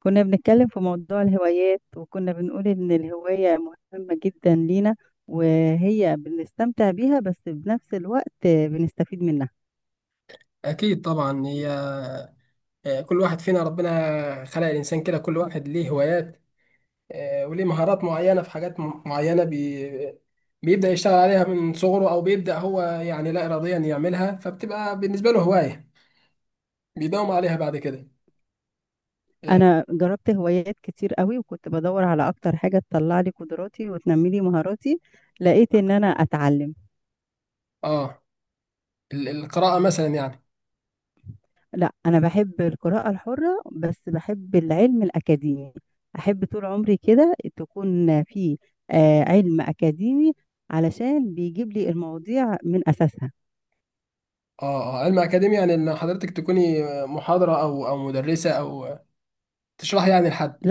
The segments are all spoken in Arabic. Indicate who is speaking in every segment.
Speaker 1: كنا بنتكلم في موضوع الهوايات وكنا بنقول إن الهواية مهمة جدا لينا، وهي بنستمتع بيها بس بنفس الوقت بنستفيد منها.
Speaker 2: أكيد طبعا هي. كل واحد فينا ربنا خلق الإنسان كده، كل واحد ليه هوايات. وليه مهارات معينة في حاجات معينة، بيبدأ يشتغل عليها من صغره، أو بيبدأ هو يعني لا إراديا يعملها، فبتبقى بالنسبة له هواية بيداوم عليها بعد كده. آه
Speaker 1: أنا جربت هوايات كتير قوي وكنت بدور على أكتر حاجة تطلع لي قدراتي وتنمي لي مهاراتي، لقيت إن أنا أتعلم.
Speaker 2: آه، القراءة مثلا يعني.
Speaker 1: لا، أنا بحب القراءة الحرة بس بحب العلم الأكاديمي، أحب طول عمري كده تكون في علم أكاديمي علشان بيجيب لي المواضيع من أساسها.
Speaker 2: آه علم أكاديمي يعني إن حضرتك تكوني محاضرة، أو مدرسة، أو تشرحي يعني لحد.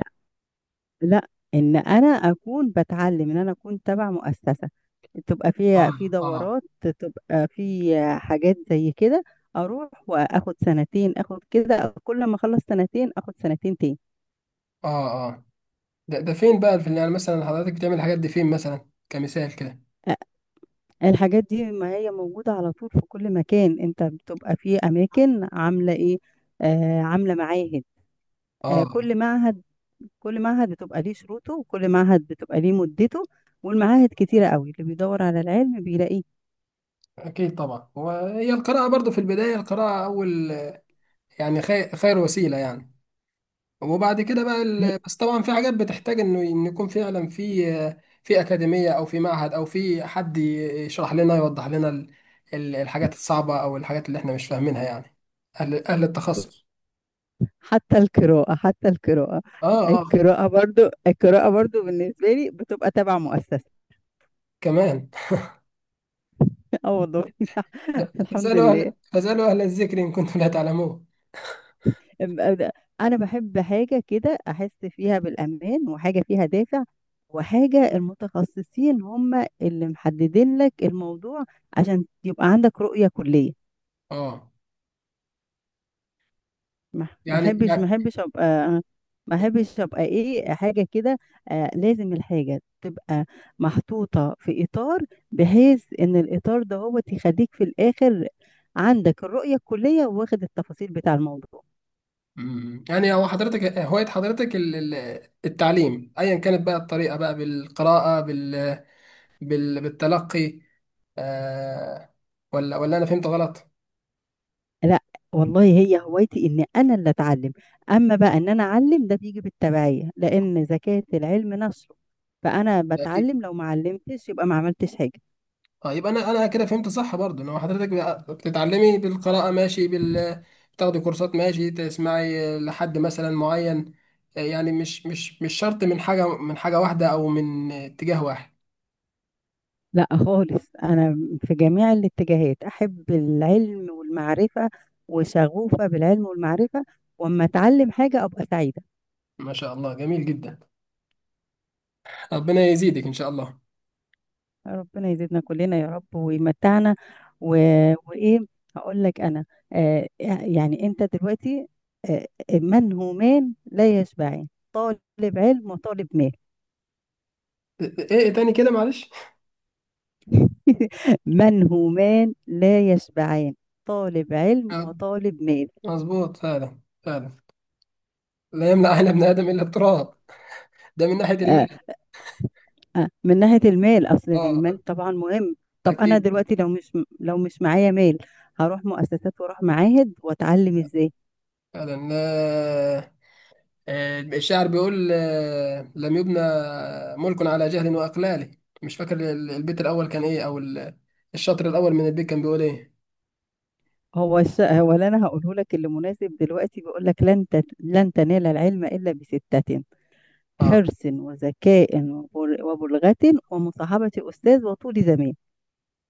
Speaker 1: لا، ان انا اكون بتعلم، ان انا اكون تبع مؤسسه تبقى فيها
Speaker 2: آه
Speaker 1: في
Speaker 2: آه
Speaker 1: دورات، تبقى في حاجات زي كده، اروح واخد سنتين، اخد كده كل ما اخلص سنتين اخد سنتين تاني.
Speaker 2: آه آه ده فين بقى، في يعني مثلا حضرتك بتعمل الحاجات دي فين مثلا، كمثال كده؟
Speaker 1: أ- الحاجات دي ما هي موجوده على طول في كل مكان، انت بتبقى في اماكن عامله ايه؟ آه، عامله معاهد. آه،
Speaker 2: اه،
Speaker 1: كل معهد بتبقى ليه شروطه وكل معهد بتبقى ليه مدته، والمعاهد كتيره قوي، اللي بيدور على العلم بيلاقيه.
Speaker 2: اكيد طبعا. وهي القراءه برضو في البدايه، القراءه اول يعني خير وسيله يعني. وبعد كده بقى بس طبعا في حاجات بتحتاج إن يكون فعلا في اكاديميه، او في معهد، او في حد يشرح لنا، يوضح لنا الحاجات الصعبه، او الحاجات اللي احنا مش فاهمينها يعني. اهل التخصص.
Speaker 1: حتى القراءة.
Speaker 2: اه اه
Speaker 1: القراءة برضو بالنسبة لي بتبقى تبع مؤسسة.
Speaker 2: كمان.
Speaker 1: اه، والله. الحمد لله.
Speaker 2: فاسالوا اهل الذكر ان كنتم لا تعلمون.
Speaker 1: أم- أنا بحب حاجة كده أحس فيها بالأمان، وحاجة فيها دافع، وحاجة المتخصصين هم اللي محددين لك الموضوع عشان يبقى عندك رؤية كلية.
Speaker 2: اه.
Speaker 1: ما ما
Speaker 2: يعني
Speaker 1: احبش ما
Speaker 2: يعني
Speaker 1: احبش ابقى ما احبش ابقى ايه حاجه كده، آه، لازم الحاجه تبقى محطوطه في اطار، بحيث ان الاطار ده هو يخليك في الاخر عندك الرؤيه الكليه واخد التفاصيل بتاع الموضوع.
Speaker 2: يعني هو حضرتك هواية حضرتك التعليم، أيا كانت بقى الطريقة بقى، بالقراءة، بالتلقي. آه... ولا أنا فهمت غلط؟
Speaker 1: لا، والله هي هوايتي ان انا اللي اتعلم، اما بقى ان انا اعلم ده بيجي بالتبعيه لان زكاه العلم نشره، فانا
Speaker 2: أكيد.
Speaker 1: بتعلم، لو ما علمتش يبقى ما عملتش حاجه.
Speaker 2: اه يبقى أنا كده فهمت صح برضه، إن هو حضرتك بقى بتتعلمي بالقراءة، ماشي، بتاخدي كورسات، ماشي، تسمعي لحد مثلا معين. يعني مش شرط من حاجة واحدة أو من اتجاه واحد.
Speaker 1: لا خالص، أنا في جميع الاتجاهات أحب العلم والمعرفة وشغوفة بالعلم والمعرفة، وأما أتعلم حاجة أبقى سعيدة.
Speaker 2: ما شاء الله، جميل جدا. ربنا يزيدك إن شاء الله.
Speaker 1: ربنا يزيدنا كلنا يا رب ويمتعنا و... وإيه، هقول لك أنا، آه آه، يعني أنت دلوقتي آه منهومان لا يشبعان، طالب علم وطالب مال.
Speaker 2: إيه تاني كده، معلش؟
Speaker 1: منهومان لا يشبعان، طالب علم وطالب مال.
Speaker 2: مظبوط، فعلا. لا يملأ عين ابن آدم إلا التراب، ده من ناحية
Speaker 1: آه،
Speaker 2: المال.
Speaker 1: من ناحية المال، أصل
Speaker 2: اه.
Speaker 1: المال طبعا مهم. طب أنا
Speaker 2: أكيد.
Speaker 1: دلوقتي لو مش معايا مال، هروح مؤسسات وأروح معاهد وأتعلم إزاي.
Speaker 2: فعلا. الشاعر بيقول لم يبنى ملك على جهل وإقلال. مش فاكر البيت الأول كان إيه، أو الشطر الأول من البيت كان بيقول إيه.
Speaker 1: هو اللي أنا هقوله لك اللي مناسب دلوقتي بيقول لك: لن تنال العلم إلا بستة،
Speaker 2: اه،
Speaker 1: حرص وذكاء وبلغة ومصاحبة أستاذ وطول زمان.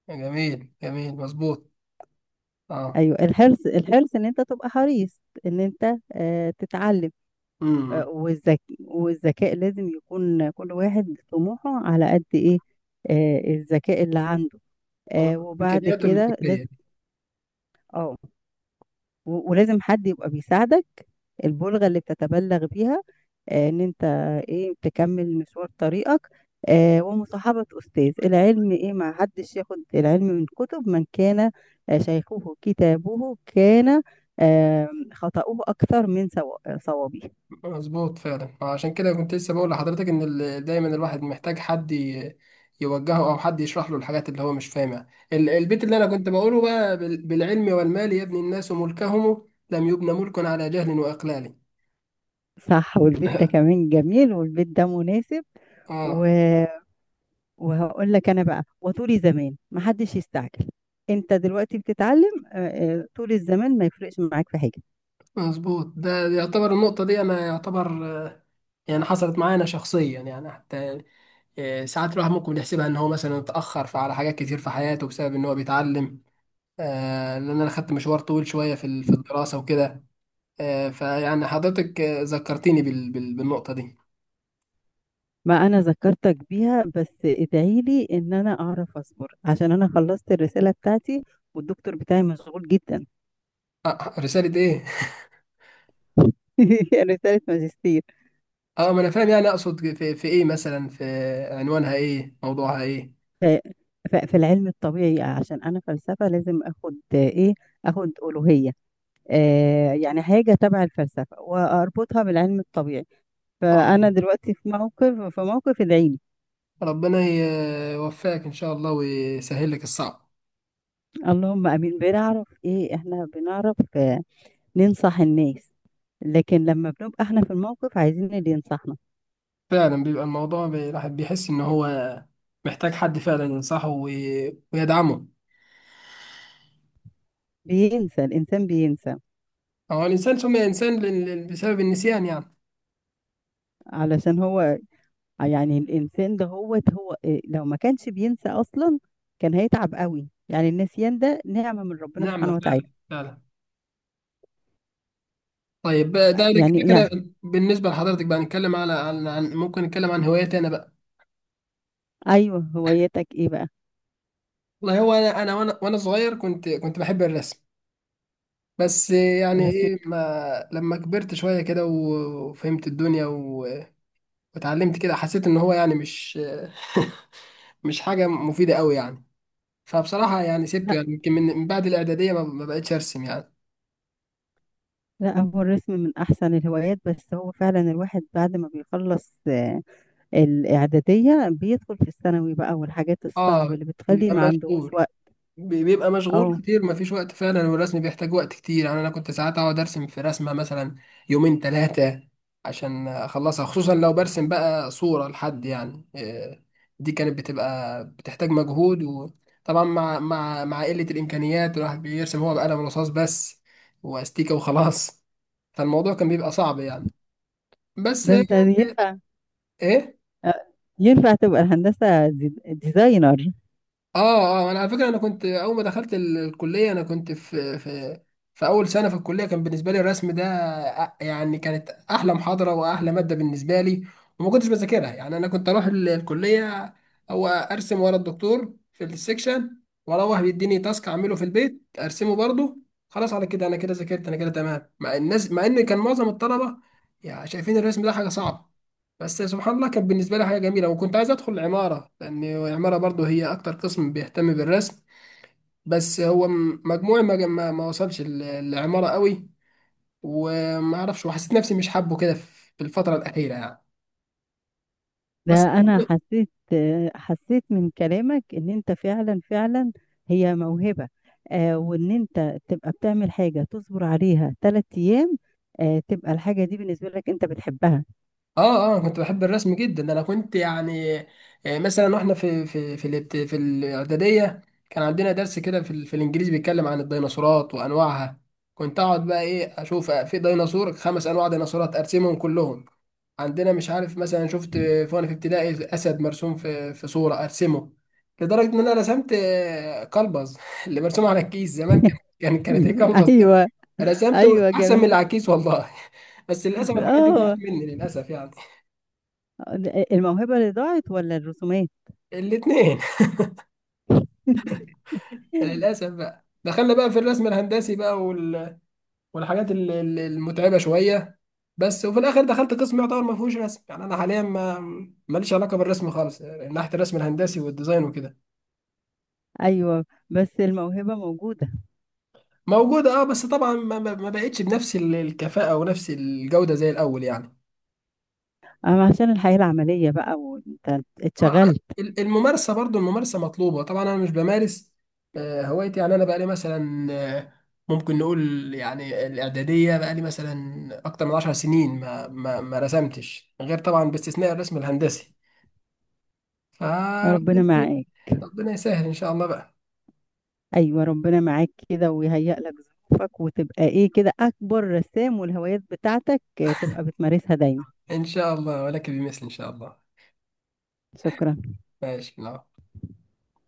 Speaker 2: جميل، مظبوط. اه.
Speaker 1: أيوه، الحرص إن أنت تبقى حريص إن أنت تتعلم.
Speaker 2: امم
Speaker 1: والذكاء لازم يكون كل واحد طموحه على قد ايه، الذكاء اللي عنده. وبعد
Speaker 2: الإمكانيات
Speaker 1: كده
Speaker 2: الفكرية.
Speaker 1: لازم، اه ولازم حد يبقى بيساعدك، البلغة اللي بتتبلغ بيها ان انت ايه تكمل مشوار طريقك. ومصاحبة أستاذ العلم ايه، ما حدش ياخد العلم من كتب، من كان شيخه كتابه كان خطأه أكثر من صوابه.
Speaker 2: مظبوط فعلا، عشان كده كنت لسه بقول لحضرتك ان دايما الواحد محتاج حد يوجهه، او حد يشرح له الحاجات اللي هو مش فاهمها. البيت اللي انا كنت بقوله بقى بالعلم والمال يبني الناس ملكهم، لم يبنى ملك على جهل واقلال.
Speaker 1: صح، والبيت ده كمان جميل، والبيت ده مناسب. و...
Speaker 2: اه.
Speaker 1: وهقول لك انا بقى، وطولي زمان محدش يستعجل، انت دلوقتي بتتعلم، طول الزمان ما يفرقش معاك في حاجه.
Speaker 2: مظبوط، ده يعتبر، النقطة دي انا يعتبر يعني حصلت معايا انا شخصيا يعني، حتى ساعات الواحد ممكن يحسبها ان هو مثلا اتأخر على حاجات كتير في حياته بسبب ان هو بيتعلم. لان انا خدت مشوار طويل شوية في الدراسة وكده. فيعني حضرتك ذكرتيني بالنقطة دي.
Speaker 1: ما انا ذكرتك بيها، بس ادعي لي ان انا اعرف اصبر عشان انا خلصت الرساله بتاعتي، والدكتور بتاعي مشغول جدا.
Speaker 2: رسالة ايه؟
Speaker 1: رساله ماجستير.
Speaker 2: اه، ما انا فاهم يعني، اقصد في ايه مثلا، في عنوانها ايه؟ موضوعها ايه؟
Speaker 1: ف... في العلم الطبيعي، عشان انا فلسفه لازم اخد ايه، اخد الوهيه، يعني حاجة تبع الفلسفة وأربطها بالعلم الطبيعي، فأنا
Speaker 2: اه.
Speaker 1: دلوقتي في موقف، ادعيلي.
Speaker 2: ربنا يوفقك ان شاء الله، ويسهل لك الصعب.
Speaker 1: اللهم آمين. بنعرف إيه، إحنا بنعرف ننصح الناس لكن لما بنبقى إحنا في الموقف عايزين اللي ينصحنا.
Speaker 2: فعلا، بيبقى الموضوع الواحد بيحس ان هو محتاج حد فعلا ينصحه ويدعمه.
Speaker 1: بينسى الإنسان، بينسى
Speaker 2: هو الانسان سمي انسان بسبب النسيان يعني.
Speaker 1: علشان هو، يعني الإنسان ده هو لو ما كانش بينسى أصلا كان هيتعب قوي، يعني النسيان ده نعمة من ربنا
Speaker 2: نعمة،
Speaker 1: سبحانه وتعالى.
Speaker 2: فعلا. طيب. ده ده
Speaker 1: يعني
Speaker 2: كده،
Speaker 1: يعني
Speaker 2: بالنسبة لحضرتك بقى نتكلم ممكن نتكلم عن هواياتي انا بقى؟
Speaker 1: أيوه، هوايتك إيه بقى؟
Speaker 2: والله هو انا انا وانا وانا صغير، كنت بحب الرسم. بس يعني
Speaker 1: الرسم؟
Speaker 2: ايه، ما لما كبرت شويه كده وفهمت الدنيا واتعلمت كده، حسيت ان هو يعني مش مش حاجه مفيده قوي يعني. فبصراحه يعني سبته يعني، يمكن من بعد الاعداديه ما بقتش ارسم يعني.
Speaker 1: لا، هو الرسم من أحسن الهوايات، بس هو فعلا الواحد بعد ما بيخلص الإعدادية بيدخل في الثانوي بقى والحاجات الصعبة
Speaker 2: اه،
Speaker 1: اللي بتخلي
Speaker 2: بيبقى
Speaker 1: ما عندهوش
Speaker 2: مشغول،
Speaker 1: وقت.
Speaker 2: بيبقى مشغول
Speaker 1: اه،
Speaker 2: كتير، مفيش وقت فعلا. والرسم بيحتاج وقت كتير يعني، انا كنت ساعات اقعد ارسم في رسمه مثلا يومين ثلاثه عشان اخلصها، خصوصا لو برسم بقى صوره لحد، يعني إيه، دي كانت بتبقى بتحتاج مجهود. وطبعا مع قله الامكانيات، الواحد بيرسم هو بقلم رصاص بس، واستيكه، وخلاص. فالموضوع كان بيبقى صعب يعني، بس.
Speaker 1: ده انت ينفع،
Speaker 2: ايه.
Speaker 1: آه، ينفع تبقى الهندسة ديزاينر.
Speaker 2: اه، اه، انا على فكره، انا كنت اول ما دخلت الكليه، انا كنت في اول سنه في الكليه كان بالنسبه لي الرسم ده يعني كانت احلى محاضره واحلى ماده بالنسبه لي. وما كنتش بذاكرها يعني، انا كنت اروح الكليه او ارسم ورا الدكتور في السكشن، واروح بيديني تاسك اعمله في البيت ارسمه برضه. خلاص، على كده انا كده ذاكرت، انا كده تمام مع الناس، مع ان كان معظم الطلبه يعني شايفين الرسم ده حاجه صعبه. بس سبحان الله كانت بالنسبة لي حاجة جميلة، وكنت عايز أدخل العمارة، لأن العمارة برضو هي أكتر قسم بيهتم بالرسم. بس هو مجموعي ما وصلش العمارة قوي، وما أعرفش، وحسيت نفسي مش حابه كده في الفترة الأخيرة يعني،
Speaker 1: ده
Speaker 2: بس.
Speaker 1: أنا حسيت، حسيت من كلامك إن أنت فعلا فعلا هي موهبة، وإن أنت تبقى بتعمل حاجة تصبر عليها 3 أيام، تبقى الحاجة دي بالنسبة لك أنت بتحبها.
Speaker 2: اه، اه، كنت بحب الرسم جدا، انا كنت يعني مثلا واحنا في في الاعداديه كان عندنا درس كده في الانجليزي بيتكلم عن الديناصورات وانواعها، كنت اقعد بقى، ايه، اشوف في ديناصور، خمس انواع ديناصورات، ارسمهم كلهم. عندنا مش عارف مثلا، شفت وانا في ابتدائي اسد مرسوم في صوره، ارسمه. لدرجه ان انا رسمت قلبز اللي مرسوم على الكيس زمان، كانت ايه قلبز ده.
Speaker 1: أيوه.
Speaker 2: رسمته
Speaker 1: ايوه،
Speaker 2: احسن من
Speaker 1: جميل.
Speaker 2: العكيس، والله. بس للاسف الحاجات دي ضاعت
Speaker 1: اه.
Speaker 2: مني للاسف يعني.
Speaker 1: الموهبة اللي ضاعت ولا الرسومات؟
Speaker 2: الاثنين. للاسف بقى، دخلنا بقى في الرسم الهندسي بقى والحاجات المتعبه شويه. بس، وفي الاخر دخلت قسم يعتبر ما فيهوش رسم يعني، انا حاليا ما ماليش علاقه بالرسم خالص يعني، ناحيه الرسم الهندسي والديزاين وكده.
Speaker 1: ايوه، بس الموهبة موجودة.
Speaker 2: موجوده، اه. بس طبعا ما بقتش بنفس الكفاءه ونفس الجوده زي الاول يعني.
Speaker 1: اما عشان الحياة العملية بقى وانت
Speaker 2: ما-
Speaker 1: اتشغلت.
Speaker 2: الممارسة برضو، الممارسة مطلوبة طبعا، أنا مش بمارس هوايتي يعني، أنا بقالي مثلا ممكن نقول يعني الإعدادية، بقالي مثلا أكتر من 10 سنين ما رسمتش، غير طبعا باستثناء الرسم الهندسي. فربنا
Speaker 1: ربنا معاك.
Speaker 2: ربنا يسهل إن شاء الله بقى.
Speaker 1: ايوه، ربنا معاك كده ويهيئ لك ظروفك، وتبقى ايه كده اكبر رسام، والهوايات بتاعتك تبقى بتمارسها دايما.
Speaker 2: إن شاء الله، ولك بمثل إن شاء الله.
Speaker 1: شكرا.
Speaker 2: ماشي، نعم.